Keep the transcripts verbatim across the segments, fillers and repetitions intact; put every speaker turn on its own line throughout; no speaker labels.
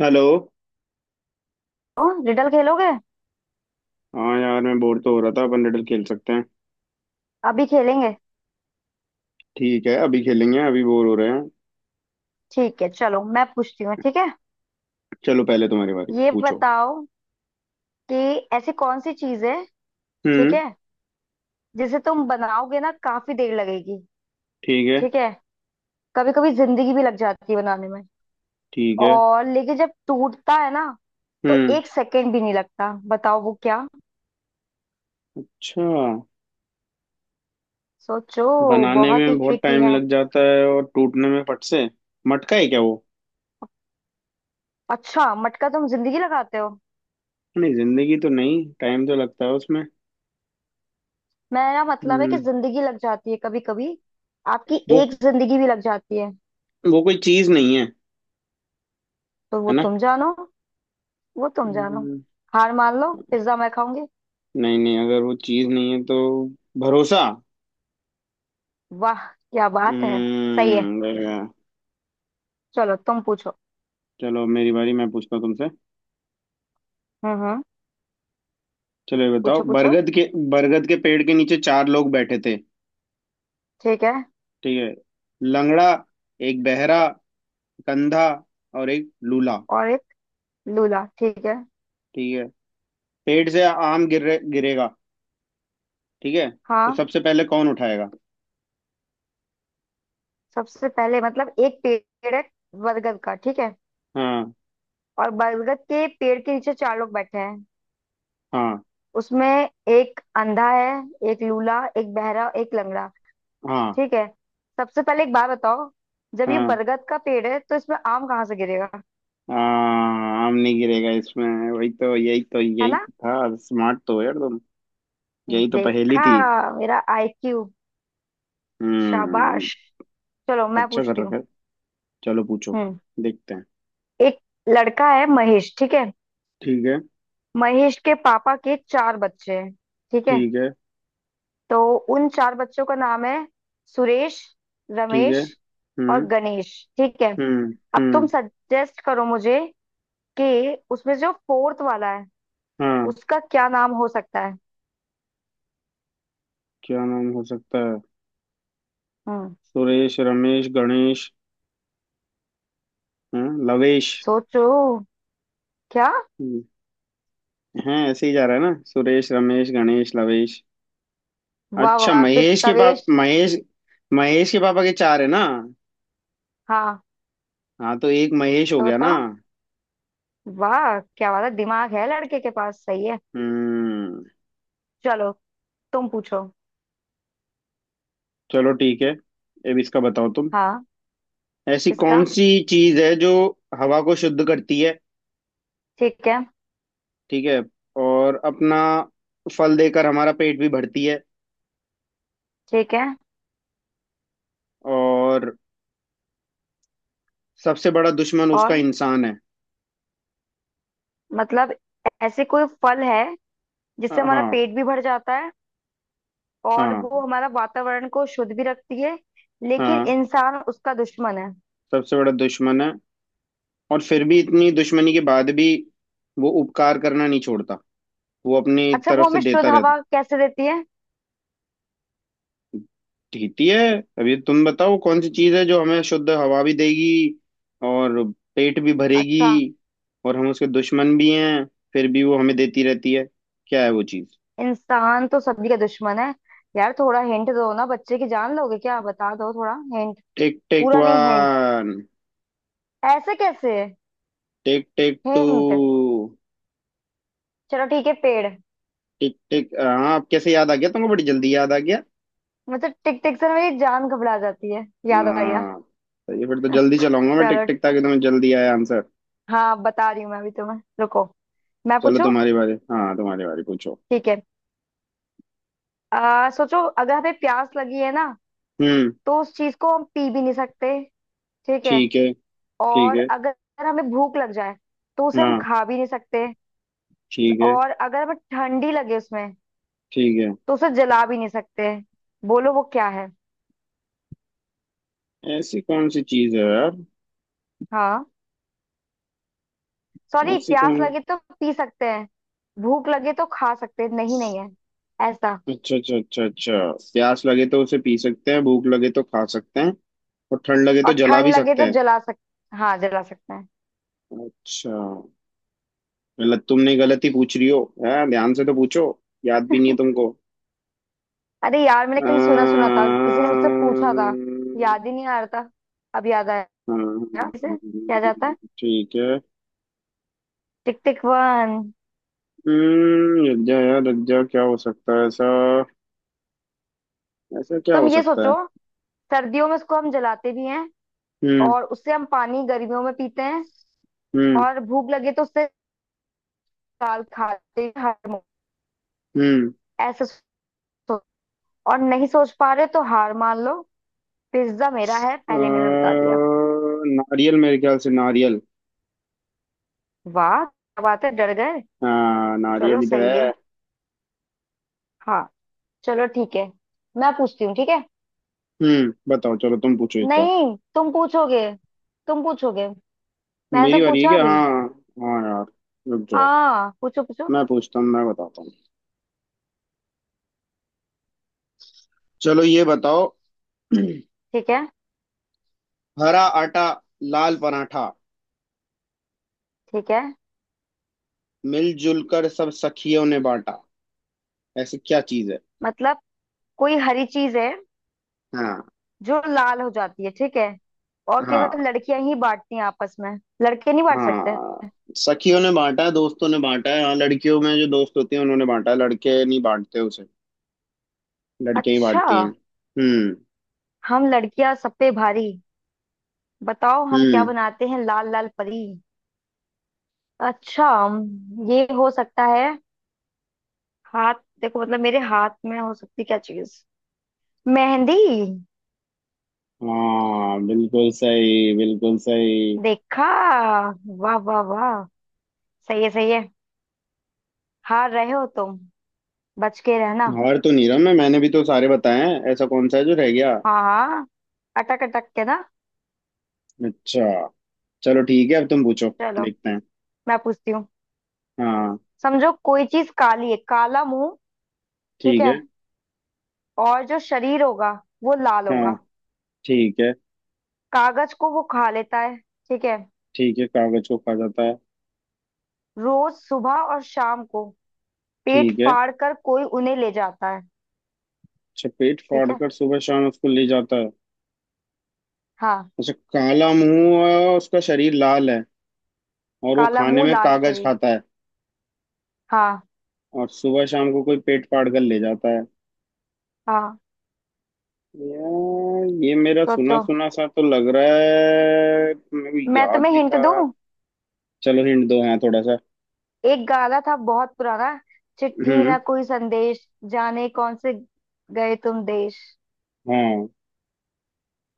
Hello.
ओ riddle खेलोगे।
हाँ यार, मैं बोर तो हो रहा था। अपन रिडल खेल सकते हैं।
अभी खेलेंगे।
ठीक है, अभी खेलेंगे। अभी बोर हो रहे हैं।
ठीक है, चलो मैं पूछती हूँ, ठीक है।
चलो, पहले तुम्हारी बारी,
ये
पूछो।
बताओ कि ऐसी कौन सी चीज है, ठीक
हम्म।
है, जिसे तुम बनाओगे ना, काफी देर लगेगी।
ठीक है।
ठीक है, कभी कभी जिंदगी भी लग जाती है बनाने में,
ठीक है।
और लेकिन जब टूटता है ना, तो
हम्म।
एक सेकंड भी नहीं लगता। बताओ वो क्या।
अच्छा।
सोचो,
बनाने
बहुत ही
में बहुत
ट्रिकी
टाइम
है।
लग जाता है और टूटने में फट से। मटका है क्या वो?
अच्छा मटका तुम जिंदगी लगाते हो।
नहीं, जिंदगी तो नहीं, टाइम तो लगता है उसमें।
मेरा मतलब है कि
हम्म।
जिंदगी लग जाती है कभी कभी। आपकी
वो
एक जिंदगी भी लग जाती है।
वो कोई चीज नहीं है?
तो वो
है ना?
तुम जानो, वो तुम जानो।
हम्म।
हार मान लो, पिज्जा मैं खाऊंगी।
नहीं नहीं, अगर वो चीज नहीं है तो भरोसा।
वाह, क्या बात है। सही है,
हम्म, बढ़िया।
चलो तुम पूछो।
चलो, अब मेरी बारी, मैं पूछता हूँ तुमसे।
हम्म हम्म।
चलो ये बताओ,
पूछो पूछो।
बरगद के बरगद के पेड़ के नीचे चार लोग बैठे थे।
ठीक है।
ठीक है। लंगड़ा, एक बहरा, कंधा, और एक लूला।
और एक लूला, ठीक है।
ठीक है। पेड़ से आम गिरे गिरेगा। ठीक है। तो
हाँ।
सबसे पहले कौन उठाएगा?
सबसे पहले मतलब एक पेड़ है, बरगद का, ठीक है।
हाँ।
और बरगद के पेड़ के नीचे चार लोग बैठे हैं,
हाँ।
उसमें एक अंधा है, एक लूला, एक बहरा, एक लंगड़ा।
हाँ।
ठीक है, सबसे पहले एक बात बताओ, जब ये
हाँ।
बरगद का पेड़ है तो इसमें आम कहाँ से गिरेगा।
हाँ, आम नहीं गिरेगा इसमें। वही तो यही तो
है
यही
ना।
तो था। स्मार्ट तो हो यार तुम। यही तो पहेली
देखा,
थी।
मेरा आईक्यू।
हम्म।
शाबाश। चलो मैं
अच्छा कर
पूछती
रखा
हूँ।
है। चलो पूछो।
हम्म।
देखते हैं।
एक लड़का है महेश, ठीक है।
ठीक है।
महेश के पापा के चार बच्चे हैं, ठीक है।
ठीक है।
तो उन चार बच्चों का नाम है सुरेश,
ठीक है।
रमेश और
हम्म।
गणेश, ठीक है।
हम्म।
अब तुम
हम्म।
सजेस्ट करो मुझे कि उसमें जो फोर्थ वाला है,
हाँ।
उसका क्या नाम हो सकता है।
क्या नाम हो सकता है?
हम्म,
सुरेश, रमेश, गणेश। हाँ, लवेश।
सोचो। क्या।
हाँ, ऐसे ही जा रहा है ना? सुरेश, रमेश, गणेश, लवेश।
वाह
अच्छा,
वाह, फिर
महेश के पाप
तवेश।
महेश, महेश के पापा के चार है ना?
हाँ
हाँ, तो एक महेश हो
तो
गया ना।
बताओ। वाह, क्या वाला दिमाग है लड़के के पास, सही है।
हम्म।
चलो तुम पूछो।
चलो ठीक है, अब इसका बताओ तुम।
हाँ।
ऐसी
किसका।
कौन सी चीज है जो हवा को शुद्ध करती है?
ठीक है।
ठीक है। और अपना फल देकर हमारा पेट भी भरती है।
ठीक है
और सबसे बड़ा दुश्मन उसका
और।
इंसान है।
मतलब ऐसे कोई फल है जिससे हमारा
हाँ।
पेट भी भर जाता है, और वो
हाँ।
हमारा वातावरण को शुद्ध भी रखती है, लेकिन
हाँ,
इंसान उसका दुश्मन है।
सबसे बड़ा दुश्मन है। और फिर भी इतनी दुश्मनी के बाद भी वो उपकार करना नहीं छोड़ता। वो अपनी
अच्छा वो
तरफ से
हमें शुद्ध
देता रहता।
हवा कैसे देती है।
ठीक है। अभी तो तुम बताओ, कौन सी चीज है जो हमें शुद्ध हवा भी देगी और पेट भी भरेगी
अच्छा।
और हम उसके दुश्मन भी हैं, फिर भी वो हमें देती रहती है? क्या है वो चीज?
इंसान तो सभी का दुश्मन है। यार थोड़ा हिंट दो ना, बच्चे की जान लोगे क्या, बता दो थोड़ा हिंट।
टिक टिक
पूरा नहीं, हिंट।
वन।
ऐसे कैसे,
टिक टिक टू।
हिंट। चलो ठीक है, पेड़।
टिक टिक। हाँ, अब कैसे याद आ गया तुमको? बड़ी जल्दी याद आ गया।
मतलब टिक टिक से मेरी जान घबरा जाती है, याद आ गया।
हाँ, सही है। फिर तो जल्दी चलाऊंगा मैं टिक
चलो।
टिक, ताकि तुम्हें जल्दी आए आंसर।
हाँ बता रही हूँ मैं अभी तुम्हें, रुको। मैं
चलो
पूछूं,
तुम्हारी बारी। हाँ तुम्हारी बारी, पूछो।
ठीक है। आ, सोचो, अगर हमें प्यास लगी है ना,
हम्म।
तो उस चीज को हम पी भी नहीं सकते, ठीक है।
ठीक है। ठीक
और
है।
अगर हमें भूख लग जाए तो उसे हम
हाँ।
खा भी नहीं सकते।
ठीक है।
और अगर हमें ठंडी लगे उसमें,
ठीक है।
तो उसे जला भी नहीं सकते। बोलो वो क्या है।
ऐसी कौन सी चीज है यार?
हाँ, सॉरी,
ऐसी
प्यास
कौन
लगे तो पी सकते हैं, भूख लगे तो खा सकते हैं, नहीं नहीं है ऐसा।
अच्छा, अच्छा, अच्छा, अच्छा। प्यास लगे तो उसे पी सकते हैं, भूख लगे तो खा सकते हैं, और ठंड लगे
और
तो जला
ठंड
भी
लगे
सकते
तो
हैं।
जला सकते, हाँ जला सकते हैं।
अच्छा। गलत, तुमने गलत ही पूछ रही हो है। ध्यान से तो पूछो। याद भी नहीं है तुमको।
अरे यार, मैंने कहीं सुना सुना था, किसी ने मुझसे पूछा था,
अम्म,
याद ही नहीं आ रहा था, अब याद आया। इसे क्या जाता
हम्म,
है,
ठीक है।
टिक टिक वन।
हम्म, रज्जा यार रज्जा, क्या हो सकता है ऐसा? ऐसा क्या
तुम
हो
ये
सकता
सोचो,
है?
सर्दियों में उसको हम जलाते भी हैं,
हम्म।
और उससे हम पानी गर्मियों में पीते हैं,
हम्म।
और भूख लगे तो उससे दाल खाते हैं हर मौसम।
हम्म।
ऐसे सोचो, और नहीं सोच पा रहे तो हार मान लो, पिज्जा मेरा है,
अ,
पहले मैंने बता दिया।
नारियल, मेरे ख्याल से नारियल।
वाह क्या बात है, डर गए।
हाँ, नारियल
चलो
ही तो
सही है।
है।
हाँ, चलो ठीक है, मैं पूछती हूँ, ठीक है।
हम्म, बताओ। चलो तुम पूछो इस बार।
नहीं, तुम पूछोगे, तुम पूछोगे, मैंने
मेरी
तो
बारी है
पूछा
क्या?
अभी।
हाँ। हाँ यार, रुक जाओ।
हाँ, पूछो पूछो।
मैं पूछता हूँ, मैं बताता हूँ। चलो ये बताओ।
ठीक है।
हरा आटा, लाल पराठा,
ठीक है,
मिलजुल कर सब सखियों ने बांटा। ऐसी क्या चीज है?
मतलब कोई हरी चीज है
हाँ।
जो लाल हो जाती है, ठीक है। और
हाँ।
केवल लड़कियां ही बांटती हैं आपस में, लड़के नहीं बांट सकते।
हाँ, सखियों ने बांटा है, दोस्तों ने बांटा है। हाँ, लड़कियों में जो दोस्त होती हैं उन्होंने बांटा है, लड़के नहीं बांटते उसे। लड़कियां ही
अच्छा,
बांटती हैं। हम्म।
हम लड़कियां सब पे भारी। बताओ हम क्या
हम्म।
बनाते हैं लाल लाल परी। अच्छा, हम्म, ये हो सकता है, हाथ। देखो मतलब मेरे हाथ में हो सकती क्या चीज, मेहंदी।
हाँ, बिल्कुल सही, बिल्कुल सही।
देखा, वाह वाह वाह। सही है सही है। हार रहे हो तुम, बच के रहना।
हार तो नहीं रहा मैं, मैंने भी तो सारे बताए हैं। ऐसा कौन सा है जो रह गया?
हाँ हाँ, अटक अटक के ना।
अच्छा। चलो ठीक है, अब तुम पूछो।
चलो
देखते हैं।
मैं पूछती हूँ।
हाँ।
समझो कोई चीज काली है, काला मुंह, ठीक
ठीक
है।
है।
और जो शरीर होगा वो लाल
हाँ।
होगा।
ठीक है।
कागज को वो खा लेता है, ठीक है।
ठीक है, कागज को खा जाता है।
रोज सुबह और शाम को पेट
ठीक है।
फाड़ कर कोई उन्हें ले जाता है,
चपेट
ठीक है।
फाड़कर सुबह शाम उसको ले जाता है।
हाँ।
अच्छा, काला मुंह है और उसका शरीर लाल है। और वो
काला
खाने
मुंह,
में
लाल
कागज
शरीर।
खाता है।
हाँ,
और सुबह शाम को कोई पेट फाड़ कर ले जाता है।
हाँ।
यार ये मेरा सुना
सोचो,
सुना सा तो लग रहा है, मेरे को
मैं
याद
तुम्हें
भी
हिंट
था।
दूँ।
चलो हिंट दो, हाँ थोड़ा सा।
एक गाना था बहुत पुराना, चिट्ठी
हम्म।
ना कोई संदेश, जाने कौन से गए तुम देश,
हाँ।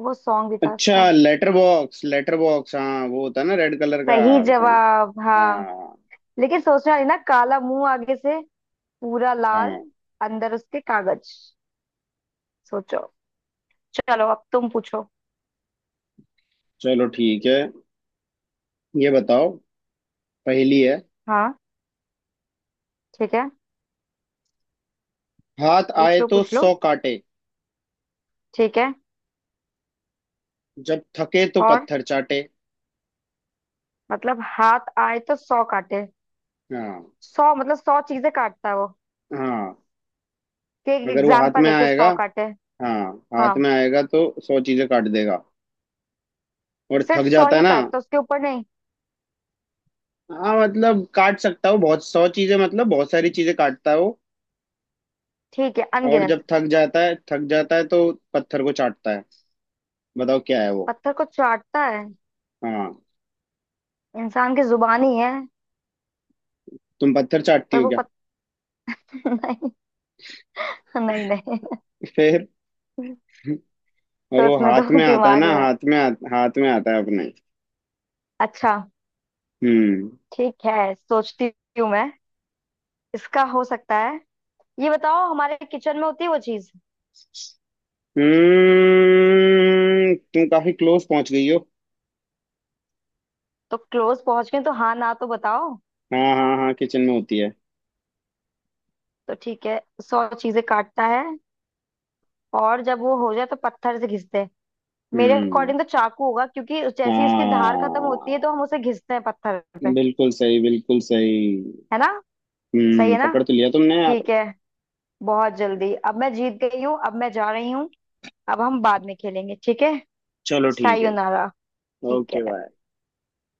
वो सॉन्ग भी था
अच्छा,
उसका।
Letter box. लेटर बॉक्स, हाँ वो होता है ना रेड कलर का?
सही
सही है।
जवाब, हाँ।
हाँ।
लेकिन सोचना नहीं ना, काला मुंह आगे से, पूरा लाल,
हाँ।
अंदर उसके कागज। सोचो, चलो अब तुम पूछो।
चलो ठीक है, ये बताओ, पहेली है।
हाँ, ठीक है।
हाथ
पूछ
आए
लो
तो
पूछ लो।
सौ काटे,
ठीक है
जब थके तो
और।
पत्थर चाटे।
मतलब हाथ आए तो सौ काटे,
हाँ।
सौ मतलब सौ चीजें काटता है वो।
हाँ,
कि एक
अगर वो हाथ
एग्जाम्पल
में
लेके
आएगा।
सौ काटे।
हाँ, हाथ
हाँ,
में आएगा तो सौ चीजें काट देगा। और
सिर्फ
थक
सौ
जाता है
ही
ना।
काटता, उसके ऊपर नहीं।
हाँ मतलब काट सकता है वो, बहुत सौ चीजें, मतलब बहुत सारी चीजें काटता है वो।
ठीक है,
और जब
अनगिनत।
थक जाता है, थक जाता है तो पत्थर को चाटता है। बताओ क्या है वो?
पत्थर को चाटता है,
हाँ।
इंसान की जुबान ही है।
तुम पत्थर चाटती
पर
हो
वो
क्या?
पत्थर नहीं, नहीं नहीं।
फिर। और वो
सोचने दो,
हाथ में आता है
दिमाग
ना,
लगा।
हाथ में आ, हाथ में आता है अपने।
अच्छा,
हम्म।
ठीक है, सोचती हूँ मैं। इसका हो सकता है, ये बताओ हमारे किचन में होती है वो चीज।
हम्म, तुम काफी क्लोज पहुंच गई हो।
तो क्लोज पहुंच गए तो हाँ ना, तो बताओ।
हाँ। हाँ। हाँ, किचन में होती है।
तो ठीक है, सौ चीजें काटता है, और जब वो हो जाए तो पत्थर से घिसते हैं। मेरे
हम्म।
अकॉर्डिंग तो चाकू होगा, क्योंकि जैसी उसकी धार खत्म होती है
हाँ,
तो हम उसे घिसते हैं पत्थर पे,
बिल्कुल सही, बिल्कुल सही।
है ना। सही
हम्म,
है ना।
पकड़ तो लिया तुमने यार।
ठीक है, बहुत जल्दी अब मैं जीत गई हूँ, अब मैं जा रही हूँ। अब हम बाद में खेलेंगे, ठीक है।
चलो ठीक है।
सायोनारा, ठीक
ओके
है।
बाय।